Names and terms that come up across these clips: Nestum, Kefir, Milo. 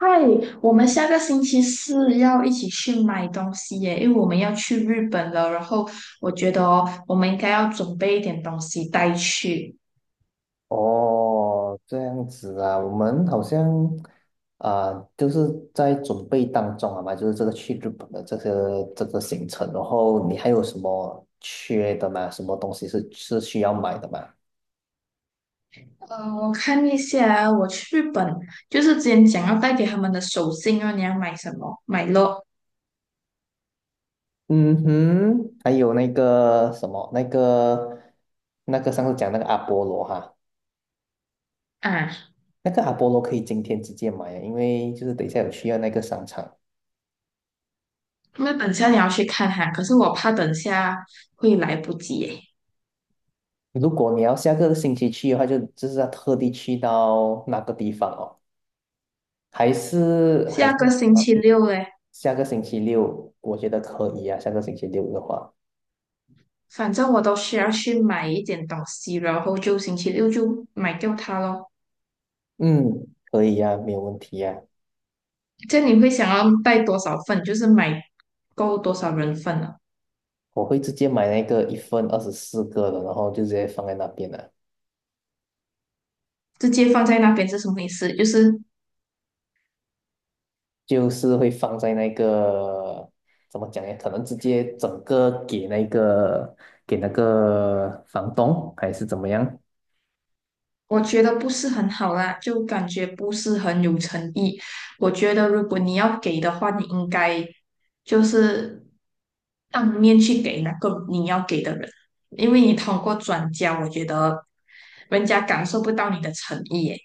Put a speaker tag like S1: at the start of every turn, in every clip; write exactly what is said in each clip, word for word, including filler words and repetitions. S1: 嗨，我们下个星期四要一起去买东西耶，因为我们要去日本了。然后我觉得哦，我们应该要准备一点东西带去。
S2: 哦，这样子啊，我们好像啊、就是在准备当中啊嘛，就是这个去日本的这个这个行程，然后你还有什么缺的吗？什么东西是是需要买的吗？
S1: 呃，我看一下啊，我去日本就是之前讲要带给他们的手信啊，你要买什么？买咯
S2: 嗯哼，还有那个什么，那个那个上次讲那个阿波罗哈，
S1: 啊，
S2: 那个阿波罗可以今天直接买啊，因为就是等一下有需要那个商场。
S1: 那等下你要去看哈，可是我怕等下会来不及耶。
S2: 如果你要下个星期去的话，就就是要特地去到那个地方哦。还是还
S1: 下
S2: 是
S1: 个星
S2: 要
S1: 期六嘞，
S2: 下个星期六，我觉得可以啊。下个星期六的话，
S1: 反正我都需要去买一点东西，然后就星期六就买掉它咯。
S2: 嗯，可以啊，没有问题啊。
S1: 这样你会想要带多少份？就是买够多少人份呢、
S2: 我会直接买那个一份二十四个的，然后就直接放在那边了，
S1: 直接放在那边是什么意思？就是
S2: 就是会放在那个怎么讲呀？可能直接整个给那个给那个房东还是怎么样？
S1: 我觉得不是很好啦，就感觉不是很有诚意。我觉得如果你要给的话，你应该就是当面去给那个你要给的人，因为你通过转交，我觉得人家感受不到你的诚意耶。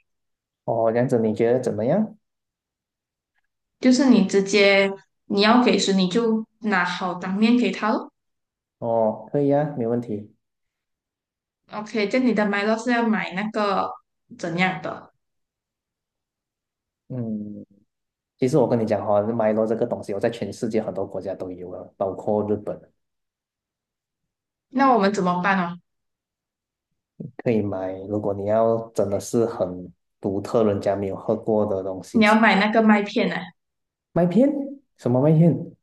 S2: 哦，这样子你觉得怎么样？
S1: 就是你直接你要给时，你就拿好当面给他咯。
S2: 哦，可以啊，没问题。
S1: OK，这样你的 m i 是要买那个怎样的？
S2: 嗯。其实我跟你讲哈、哦，Milo 这个东西，我在全世界很多国家都有了，包括日本
S1: 那我们怎么办哦？
S2: 可以买。如果你要真的是很独特，人家没有喝过的东西
S1: 你要
S2: 吃，
S1: 买那个麦片呢、
S2: 麦片什么麦片？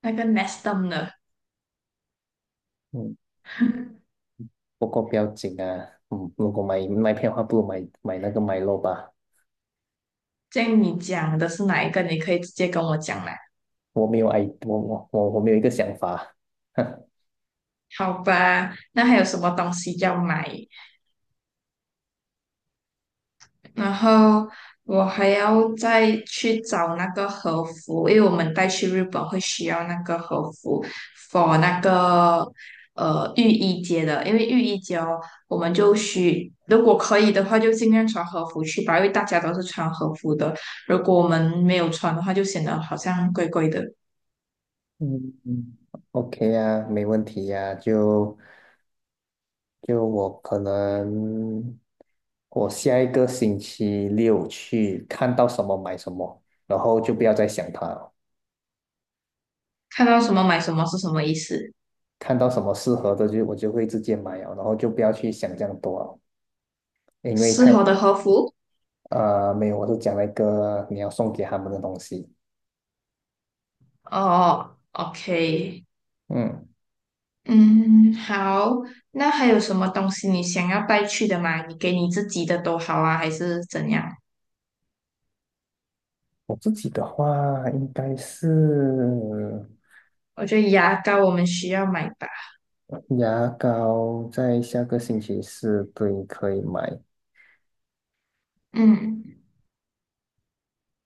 S1: 那个 Nestum 的。
S2: 嗯，不过不要紧啊，嗯，如果买麦片的话，不如买买那个 m i 吧。
S1: 这样你讲的是哪一个？你可以直接跟我讲啦。
S2: 我没有 i，我我我我没有一个想法。
S1: 好吧，那还有什么东西要买？然后我还要再去找那个和服，因为我们带去日本会需要那个和服，for 那个呃浴衣节的，因为浴衣节哦，我们就需如果可以的话，就尽量穿和服去吧，因为大家都是穿和服的。如果我们没有穿的话，就显得好像怪怪的。
S2: 嗯嗯，OK 啊，没问题呀、就就我可能我下一个星期六去看到什么买什么，然后就不要再想它了。
S1: 看到什么买什么是什么意思？
S2: 看到什么适合的就我就会直接买了，然后就不要去想这样多了，因为太
S1: 适合的和服
S2: 呃没有，我是讲了一个你要送给他们的东西。
S1: 哦，OK。
S2: 嗯，
S1: 嗯，好，那还有什么东西你想要带去的吗？你给你自己的都好啊，还是怎样？
S2: 我自己的话应该是
S1: 我觉得牙膏我们需要买吧。
S2: 牙膏，在下个星期四对可以买，
S1: 嗯，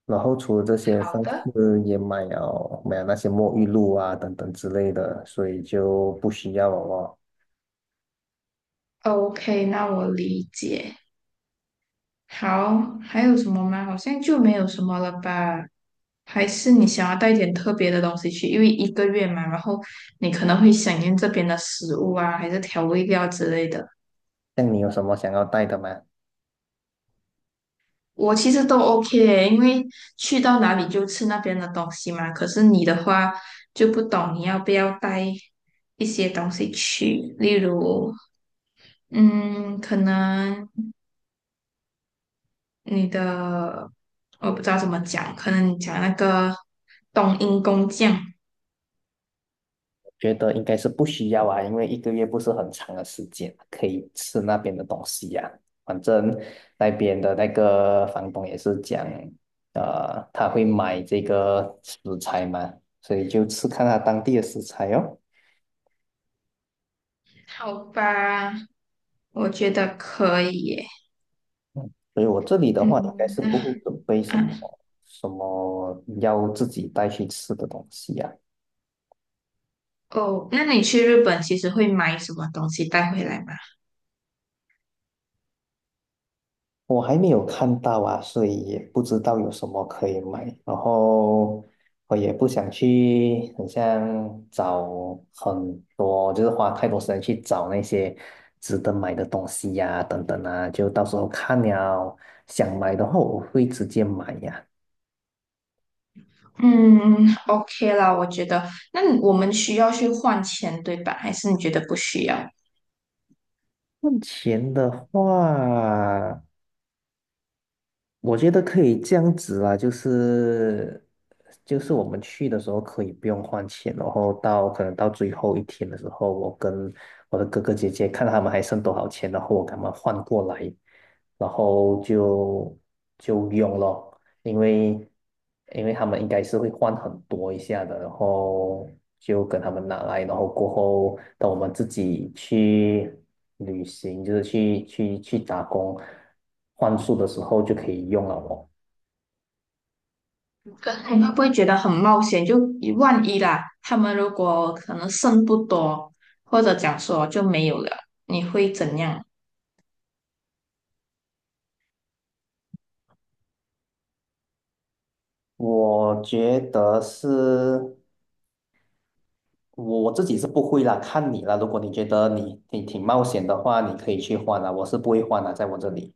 S2: 然后除了这些，
S1: 好
S2: 上
S1: 的
S2: 次也买了买了那些沐浴露啊等等之类的，所以就不需要了哦。
S1: ，OK，那我理解。好，还有什么吗？好像就没有什么了吧？还是你想要带一点特别的东西去？因为一个月嘛，然后你可能会想念这边的食物啊，还是调味料之类的。
S2: 像你有什么想要带的吗？
S1: 我其实都 OK，因为去到哪里就吃那边的东西嘛。可是你的话就不懂，你要不要带一些东西去？例如，嗯，可能你的我不知道怎么讲，可能你讲那个冬阴功酱，
S2: 觉得应该是不需要啊，因为一个月不是很长的时间，可以吃那边的东西呀、反正那边的那个房东也是讲，呃，他会买这个食材嘛，所以就吃看他当地的食材哦。
S1: 好吧，我觉得可以耶。
S2: 所以我这里的话，应该是不
S1: 嗯，
S2: 会准备什
S1: 啊，
S2: 么什么要自己带去吃的东西啊，
S1: 哦，那你去日本其实会买什么东西带回来吗？
S2: 我还没有看到啊，所以也不知道有什么可以买。然后我也不想去，很像找很多，就是花太多时间去找那些值得买的东西呀、等等啊，就到时候看了想买的话，我会直接买呀、
S1: 嗯 ，O K 啦，我觉得，那你我们需要去换钱，对吧？还是你觉得不需要？
S2: 目前的话。我觉得可以这样子啊，就是就是我们去的时候可以不用换钱，然后到可能到最后一天的时候，我跟我的哥哥姐姐看他们还剩多少钱，然后我给他们换过来，然后就就用咯。因为因为他们应该是会换很多一下的，然后就跟他们拿来，然后过后等我们自己去旅行，就是去去去打工换宿的时候就可以用了哦。
S1: 可是你会不会觉得很冒险？就一万一啦，他们如果可能剩不多，或者讲说就没有了，你会怎样
S2: 我觉得是我自己是不会啦，看你啦。如果你觉得你你挺冒险的话，你可以去换啦，我是不会换啦，在我这里。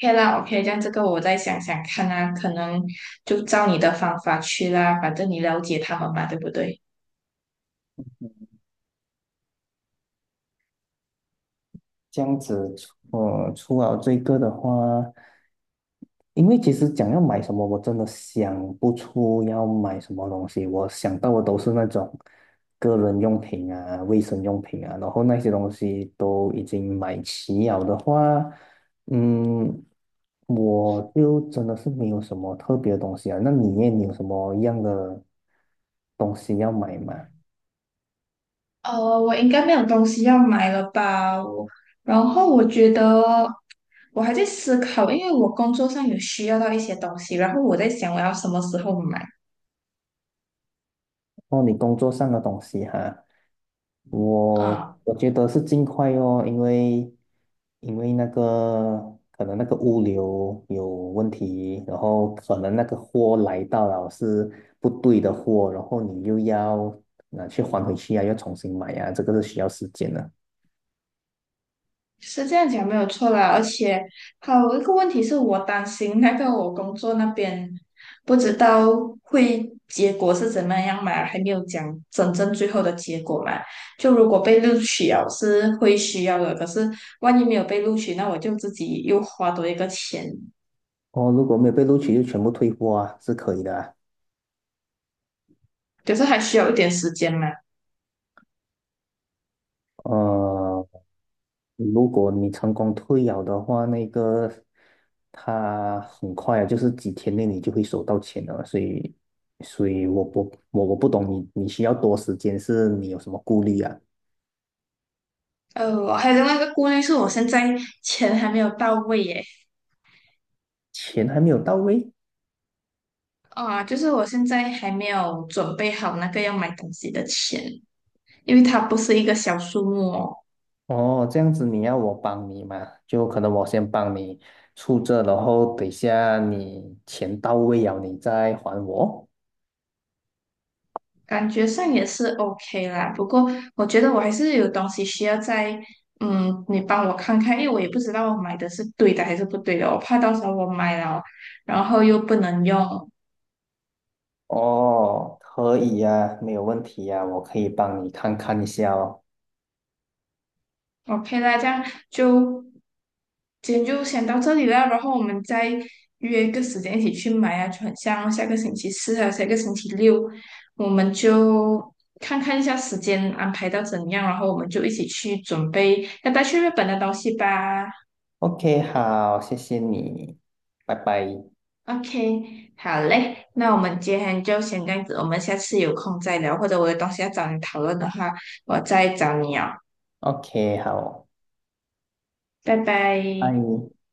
S1: ？OK 啦，OK，这样这个我再想想看啊，可能就照你的方法去啦，反正你了解他们嘛，对不对？
S2: 这样子，呃，除了这个的话，因为其实讲要买什么，我真的想不出要买什么东西。我想到的都是那种个人用品啊、卫生用品啊，然后那些东西都已经买齐了的话，嗯，我就真的是没有什么特别的东西啊。那你耶，你有什么样的东西要买吗？
S1: 呃，我应该没有东西要买了吧？我，然后我觉得我还在思考，因为我工作上有需要到一些东西，然后我在想我要什么时候买
S2: 哦，你工作上的东西哈。我
S1: 啊，
S2: 我觉得是尽快哦，因为因为那个可能那个物流有问题，然后可能那个货来到了是不对的货，然后你又要拿去还回去啊，要重新买啊，这个是需要时间的。
S1: 是这样讲没有错啦。而且还有一个问题是我担心那个我工作那边不知道会结果是怎么样嘛，还没有讲真正最后的结果嘛。就如果被录取了是会需要的，可是万一没有被录取，那我就自己又花多一个钱。
S2: 哦，如果没有被录取就全部退货啊，是可以的啊。
S1: 可是还需要一点时间嘛。
S2: 呃，如果你成功退养的话，那个他很快啊，就是几天内你就会收到钱了。所以，所以我不我我不懂你你需要多时间，是你有什么顾虑啊？
S1: 呃，我还有另外一个顾虑是我现在钱还没有到位耶，
S2: 钱还没有到位
S1: 啊，就是我现在还没有准备好那个要买东西的钱，因为它不是一个小数目哦，
S2: 哦，这样子你要我帮你嘛？就可能我先帮你出这，然后等一下你钱到位了，你再还我。
S1: 感觉上也是 OK 啦。不过我觉得我还是有东西需要在，嗯，你帮我看看，因为我也不知道我买的是对的还是不对的，我怕到时候我买了，然后又不能用，
S2: 哦，可以呀，没有问题呀，我可以帮你看看一下哦。
S1: OK，那这样就今天就先到这里啦，然后我们再约一个时间一起去买啊，就很像下个星期四还有下个星期六，我们就看看一下时间安排到怎样，然后我们就一起去准备要带去日本的东西吧。
S2: OK，好，谢谢你，拜拜。
S1: OK，好嘞，那我们今天就先这样子，我们下次有空再聊，或者我有东西要找你讨论的话，我再找你哦，
S2: OK，好，
S1: 拜拜。
S2: 拜。